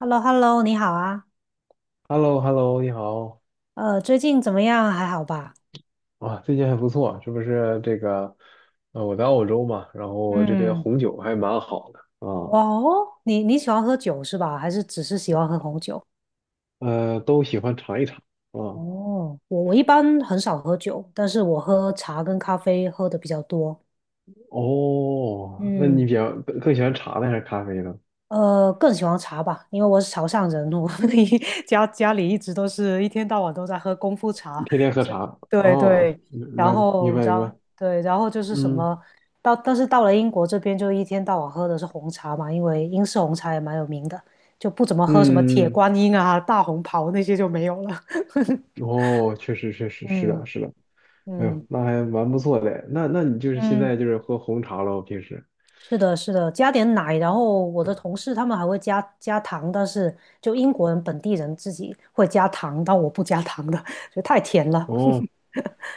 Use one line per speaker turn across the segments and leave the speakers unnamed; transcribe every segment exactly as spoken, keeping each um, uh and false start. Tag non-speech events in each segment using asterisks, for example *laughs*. h e l l o h e l l o 你好啊，
h e l l o h e l l o 你好，
呃，最近怎么样？还好吧？
啊，最近还不错，是不是这个，呃，我在澳洲嘛，然后这边
嗯。
红酒还蛮好的啊，
哇哦，你你喜欢喝酒是吧？还是只是喜欢喝红酒？
呃，都喜欢尝一尝啊。
哦，我我一般很少喝酒，但是我喝茶跟咖啡喝的比较多。
哦，那你
嗯。
比较更喜欢茶呢还是咖啡呢？
呃，更喜欢茶吧，因为我是潮汕人，我 *laughs* 一家家里一直都是一天到晚都在喝功夫茶。
天天喝
是。
茶
对
啊？
对。然
了解，明
后
白
然
明
后
白，
对，然后就是什
嗯
么。到但是到了英国这边就一天到晚喝的是红茶嘛，因为英式红茶也蛮有名的，就不怎么喝什么铁
嗯，嗯
观音啊、大红袍那些就没有了。*laughs*
嗯哦，确实确实是的
嗯
是的，哎呦，
嗯
那还蛮不错的，那那你就是现
嗯。
在就是喝红茶喽，平时。
是的，是的，加点奶，然后我的同事他们还会加加糖，但是就英国人本地人自己会加糖，但我不加糖的，*laughs* 觉得太甜了。
哦，
*laughs*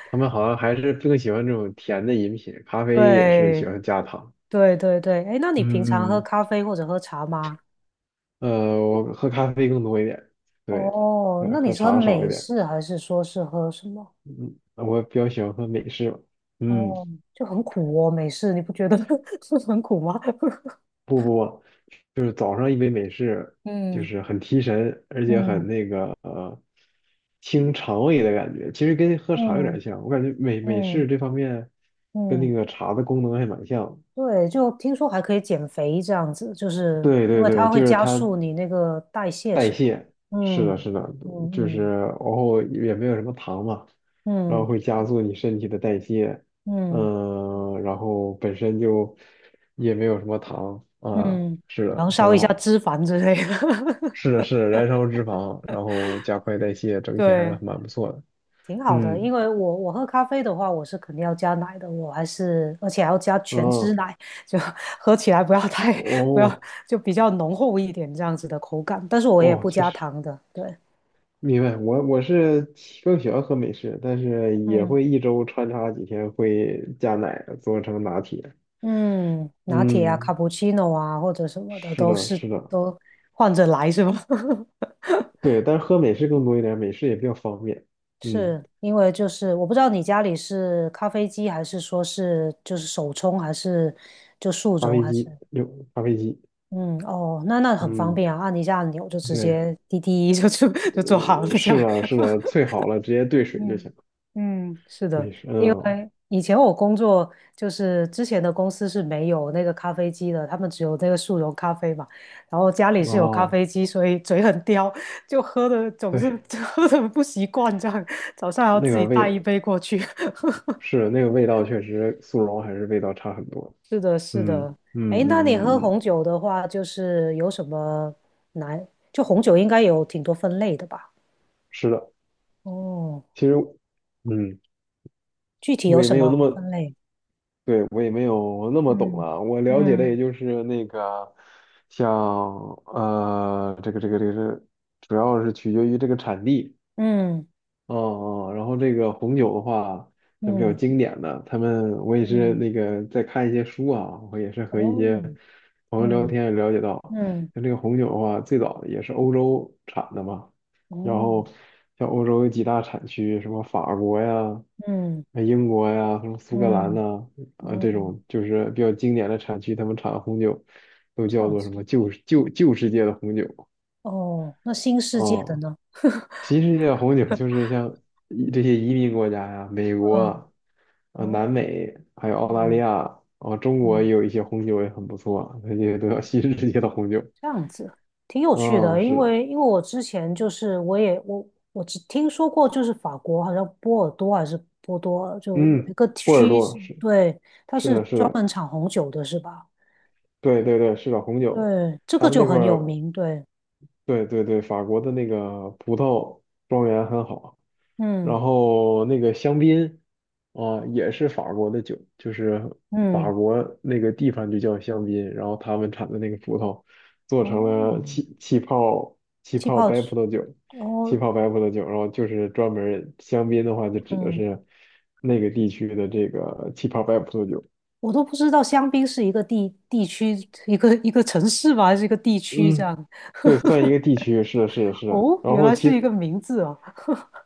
他们好像还是更喜欢这种甜的饮品，咖啡也是喜
对，
欢加糖。
对对对。哎，那你平常
嗯
喝
嗯，
咖啡或者喝茶吗？
呃，我喝咖啡更多一点，对，
哦，
呃，
那你
喝
是喝
茶少一
美
点。
式还是说是喝什么？
嗯，我比较喜欢喝美式吧嗯，
哦，就很苦哦，美式，你不觉得 *laughs* 是很苦吗？*laughs*
不不不，就是早上一杯美式，就
嗯
是很提神，而且很
嗯
那个呃，清肠胃的感觉。其实跟喝茶有点
嗯
像，我感觉美美式
嗯
这方面跟
嗯
那
嗯。
个茶的功能还蛮像。
对，就听说还可以减肥这样子，就是
对
因
对
为它
对，
会
就是
加
它
速你那个代谢，
代
是吧？
谢，是的，
嗯
是的，就是
嗯
然后也没有什么糖嘛，然后
嗯
会加速你身体的代谢，
嗯嗯
嗯，然后本身就也没有什么糖啊，
嗯，
是
燃
的，
烧
很
一下
好，
脂肪之类的，
是的，是的，燃烧脂肪，然后加快代谢，
*laughs*
整体还是
对，
蛮不错的，
挺好的。
嗯，
因为我我喝咖啡的话，我是肯定要加奶的，我还是而且还要加全脂
哦，
奶，就 *laughs* 喝起来不要太不要
哦，
就比较浓厚一点这样子的口感，但是我也
哦，
不
确
加
实。
糖的。对。
明白，我我是更喜欢喝美式，但是也
嗯。
会一周穿插几天会加奶做成拿铁。
嗯，拿铁啊、卡
嗯，
布奇诺啊，或者什么的，
是
都
的，
是
是的，
都换着来是吧？*laughs*
对，但是喝美式更多一点，美式也比较方便。嗯，
是因为就是我不知道你家里是咖啡机还是说是就是手冲还是就速
咖
溶
啡
还
机，
是。
有咖啡机，
嗯哦，那那很方
嗯，
便啊，按一下按钮就直
对，
接滴滴就就 *laughs* 就做好了
呃，
这
是
样。
的，是的，萃好了直接兑水就
嗯
行。
嗯，是的。
美式，
因
嗯，
为以前我工作就是之前的公司是没有那个咖啡机的，他们只有那个速溶咖啡嘛，然后家里是有咖
哦，
啡机，所以嘴很刁，就喝的总是
对，
*laughs* 喝的不习惯，这样早上还要
那
自己
个
带一
味
杯过去。*laughs*
是那个味道，确实速溶还是味道差很多。
是的，是
嗯
的。
嗯
哎，那你
嗯嗯
喝
嗯，
红酒的话，就是有什么难？就红酒应该有挺多分类的吧？
是的，
哦，
其实，嗯，
具体
我
有
也
什
没有那
么
么。
分类？
对，我也没有那么懂
嗯
了，我了解的也
嗯
就是那个，像呃，这个这个这个是，主要是取决于这个产地。
嗯
哦哦，然后这个红酒的话，像比较
嗯。
经典的，他们我也是
嗯。
那个在看一些书啊，我也是和一些
哦。
朋友聊
嗯
天也了解到，
嗯。
像这个红酒的话，最早也是欧洲产的嘛，然
哦。
后像欧洲有几大产区，什么法国呀、
嗯
呃英国呀、什么苏格兰
嗯。
呐、啊，
哦，
这种就是比较经典的产区，他们产的红酒都
这
叫
样
做什
子。
么旧旧旧世界的红酒啊。
哦，那新世界的
哦
呢？
其实像红酒，就是像移这些移民国家呀、美国啊、
嗯。
呃南
哦。
美，还有澳大利
嗯
亚啊、中国也
嗯，
有一些红酒也很不错，那些都叫新世界的红酒。
这样子，挺有趣
啊、
的，因
是的，
为因为我之前就是我也我我只听说过，就是法国好像波尔多还是波多尔，就有一
嗯，
个
波尔
区是，
多是
对，它
是
是
的，是
专
的，
门产红酒的，是吧？
对对对，是的，红酒，
对，这
他
个
们
就
那块
很有
儿
名，对。
对对对，法国的那个葡萄庄园很好，
嗯
然后那个香槟啊，也是法国的酒，就是法
嗯。
国那个地方就叫香槟，然后他们产的那个葡萄做成了
哦，
气气泡气
气
泡
泡
白
酒。
葡萄酒，气
哦。
泡白葡萄酒，然后就是专门儿香槟的话，就指的
嗯，
是那个地区的这个气泡白葡萄酒。
我都不知道香槟是一个地地区，一个一个城市吧，还是一个地区这
嗯，
样？
对，算一个地区，是的，是的，是的。
哦，
然
原
后
来是一
其
个名字啊。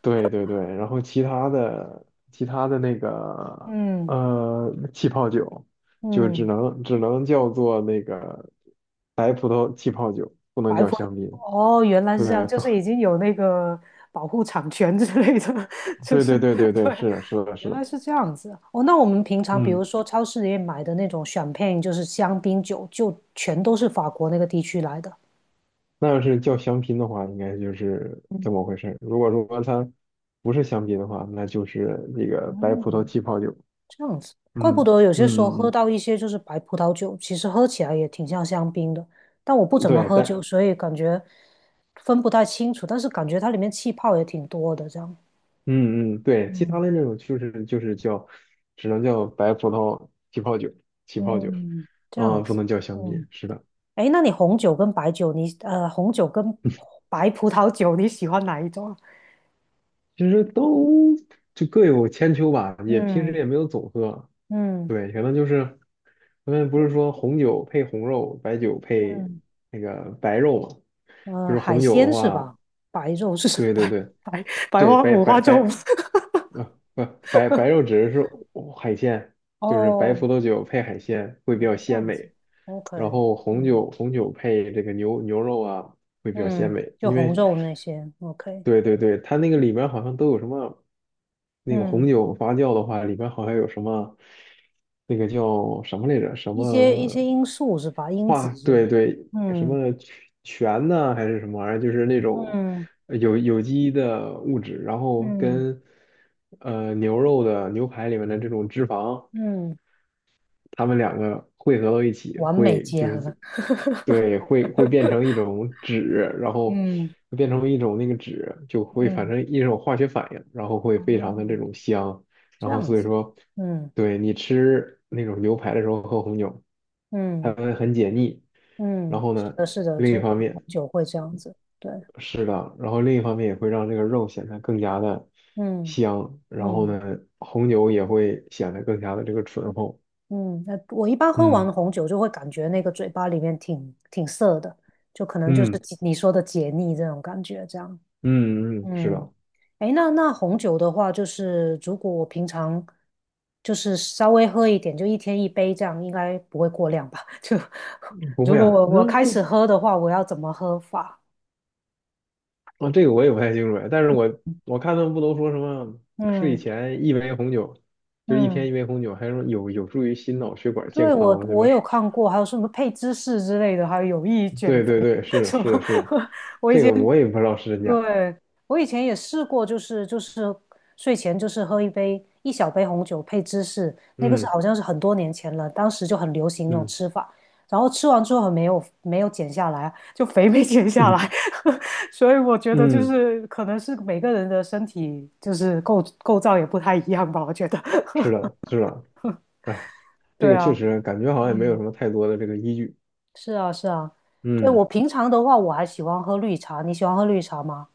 对对对，然后其他的其他的那个
嗯
呃气泡酒，就只
嗯。
能只能叫做那个白葡萄气泡酒，不能
白
叫
葡
香槟。
哦，原来是这样，
对，
就
不，
是已经有那个保护产权之类的，*laughs* 就
对
是
对对对
*laughs*
对，
对，
是的，是的，是
原
的，
来是这样子啊。哦，那我们平常比如
嗯，
说超市里面买的那种 c h 就是香槟酒，就全都是法国那个地区来的。
那要是叫香槟的话，应该就是
嗯
这么回事儿。如果说它不是香槟的话，那就是那个白
哦，
葡萄气泡酒。
这样子，怪不
嗯
得有些时候
嗯
喝
嗯，
到一些就是白葡萄酒，其实喝起来也挺像香槟的。但我不
嗯
怎么
对，
喝酒，
但
所以感觉分不太清楚。但是感觉它里面气泡也挺多的，这样。
嗯嗯，对，其他
嗯
的那种就是就是叫，只能叫白葡萄起泡酒，起泡酒，
嗯，这
啊、
样
不
子。
能叫香
嗯。
槟，是的，
哎，那你红酒跟白酒，你呃，红酒跟白葡萄酒，你喜欢哪一种啊？
其实都就各有千秋吧，也平时
嗯
也没有总喝，
嗯
对，可能就是我们不是说红酒配红肉，白酒配
嗯。
那个白肉嘛，就
呃，
是
海
红酒的
鲜是
话，
吧？白肉是 *laughs* 什么？
对对
白
对
白白
对，
花
白
五
白
花
白
肉吗？ *laughs*
啊不白白肉指的是海鲜，就是白葡
哦
萄酒配海鲜会比较
哦，这
鲜
样子
美。
，OK。
然后红
嗯
酒红酒配这个牛牛肉啊，会比较鲜
嗯，
美。
就
因
红
为，
肉那些，OK。
对对对，它那个里边好像都有什么，那个红
嗯，
酒发酵的话，里边好像有什么，那个叫什么来着？什
一些一
么
些因素是吧？因子
化？
是。
对对，什么
嗯
醛呐、还是什么玩意儿？就是那种
嗯
呃有有机的物质，然后
嗯
跟呃牛肉的牛排里面的这种脂肪。
嗯，
他们两个汇合到一起
完美
会
结
就
合。
是
*laughs*
对会会变成一种酯，然后
嗯
会变成一种那个酯就会反
嗯。
正一种化学反应，然后会
哦，
非常的这种香，
这
然后
样
所以
子。
说
嗯
对你吃那种牛排的时候喝红酒，它
嗯
会很解腻，
嗯，
然后
是
呢
的，是的，
另
真
一
的
方
红
面
酒会这样子，对。
是的，然后另一方面也会让这个肉显得更加的
嗯
香，然后
嗯
呢红酒也会显得更加的这个醇厚，
嗯。那我一般喝
嗯
完红酒就会感觉那个嘴巴里面挺挺涩的，就可能就是
嗯。
你说的解腻这种感觉，这样。
嗯嗯，是
嗯。
的，
诶，那那红酒的话，就是如果我平常就是稍微喝一点，就一天一杯这样，应该不会过量吧？*laughs* 就
不
如
会
果
啊，
我我
那
开始
不
喝的话，我要怎么喝法？
啊，这个我也不太清楚哎，但是我我看他们不都说什么睡
嗯
前一杯红酒，就是一
嗯。
天一杯红酒，还说有有助于心脑血管健
对，我
康啊，什
我
么
有
是
看过，还有什么配芝士之类的，还有有益减
对
肥
对对，
*laughs*
是
什么。
是的是的，
*laughs* 我以
这
前
个我也不知道是真假，
对，我以前也试过，就是就是睡前就是喝一杯一小杯红酒配芝士，那个是
嗯
好像是很多年前了，当时就很流行这种
嗯
吃法，然后吃完之后很没有没有减下来啊，就肥没减下
嗯
来，*laughs* 所以我觉得就
嗯，
是可能是每个人的身体就是构构造也不太一样吧，我觉得。
是的是的，哎，
*laughs*
这
对
个确
啊。
实感觉好像也没有什
嗯，
么太多的这个依据，
是啊是啊。对，我
嗯
平常的话我还喜欢喝绿茶，你喜欢喝绿茶吗？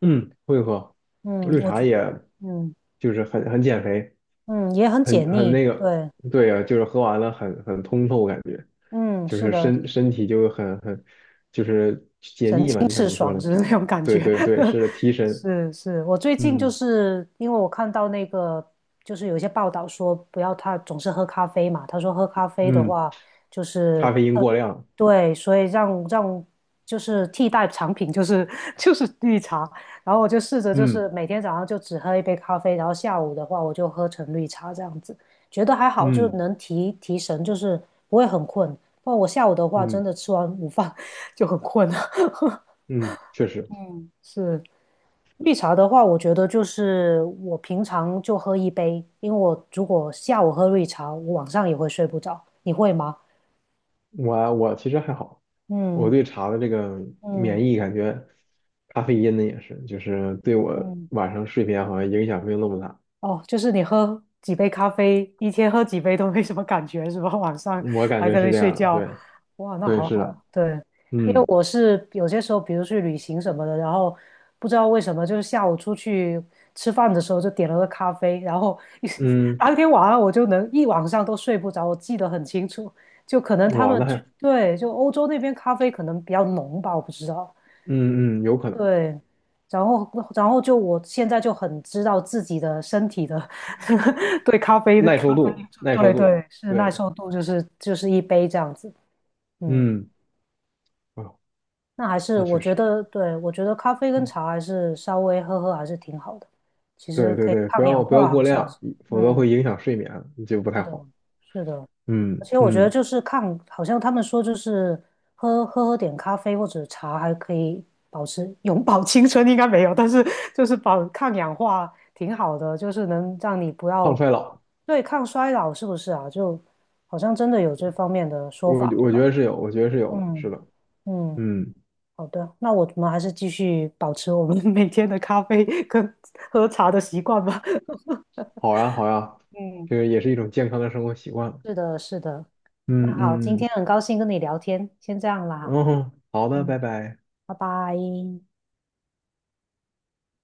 嗯，会喝
嗯。
绿
我
茶
觉
也
嗯
就是很很减肥。
嗯也很
很
解
很
腻，
那个，
对。
对啊，就是喝完了很很通透，感觉
嗯，
就
是
是
的，
身身体就很很就是解
神
腻嘛，
清
就像
气
你说
爽
的，
就是
提
那种感
对
觉。
对对，
*laughs*
是的提神，
是是，我最近就
嗯
是因为我看到那个，就是有一些报道说不要他总是喝咖啡嘛，他说喝咖啡的
嗯，
话就是
咖啡因
呃
过量，
对，所以让让就是替代产品就是 *laughs* 就是绿茶，然后我就试着就
嗯
是每天早上就只喝一杯咖啡，然后下午的话我就喝成绿茶这样子，觉得还好，就
嗯
能提提神，就是不会很困。不然我下午的话真
嗯
的吃完午饭。就很困啊。*laughs*
嗯，确实，
嗯。是。绿茶的话，我觉得就是我平常就喝一杯，因为我如果下午喝绿茶，我晚上也会睡不着。你会吗？
我我其实还好，我
嗯
对茶的这个免
嗯
疫感觉，咖啡因呢也是，就是对我
嗯。
晚上睡眠好像影响没有那么大，
哦，就是你喝几杯咖啡，一天喝几杯都没什么感觉，是吧？*laughs* 晚上
我感
还
觉
可
是
以
这
睡
样的，
觉，
对
哇，那
对
好
是
好
的，
啊。对。因为
嗯
我是有些时候，比如去旅行什么的，然后不知道为什么，就是下午出去吃饭的时候就点了个咖啡，然后一 *laughs*
嗯，
当天晚上我就能一晚上都睡不着，我记得很清楚。就可能他
哇，
们
那
就。
还。
对，就欧洲那边咖啡可能比较浓吧，我不知道。
嗯嗯，有可能，
对，然后然后就我现在就很知道自己的身体的 *laughs* 对咖啡的
耐
咖
受
啡因
度，
素。
耐受
对
度，
对，是耐
对，
受度，就是就是一杯这样子。嗯。
嗯，哦，
那还是
那
我
确
觉
实，
得，对，我觉得咖啡跟
嗯，
茶还是稍微喝喝还是挺好的，其实
对对
可以
对，不
抗氧
要不要
化，好
过
像是。
量，否则会
嗯，
影响睡眠，就不太好。
是的。而
嗯
且我觉得
嗯，
就是抗，好像他们说就是喝喝喝点咖啡或者茶还可以保持永葆青春，应该没有，但是就是保抗氧化挺好的，就是能让你不
抗
要
衰老，
对抗衰老，是不是啊？就好像真的有这方面的说
我
法，对
我觉
吧？
得是有，我觉得是有的，是
嗯
的，
嗯。
嗯，
好的，那我们还是继续保持我们 *laughs* 每天的咖啡跟喝茶的习惯吧。*laughs*
好呀好呀，
嗯，
这个也是一种健康的生活习惯。
是的，是的。那
嗯
好，今
嗯
天
嗯，
很高兴跟你聊天，先这样啦
然
哈。
后好的，
嗯。
拜拜。
拜拜。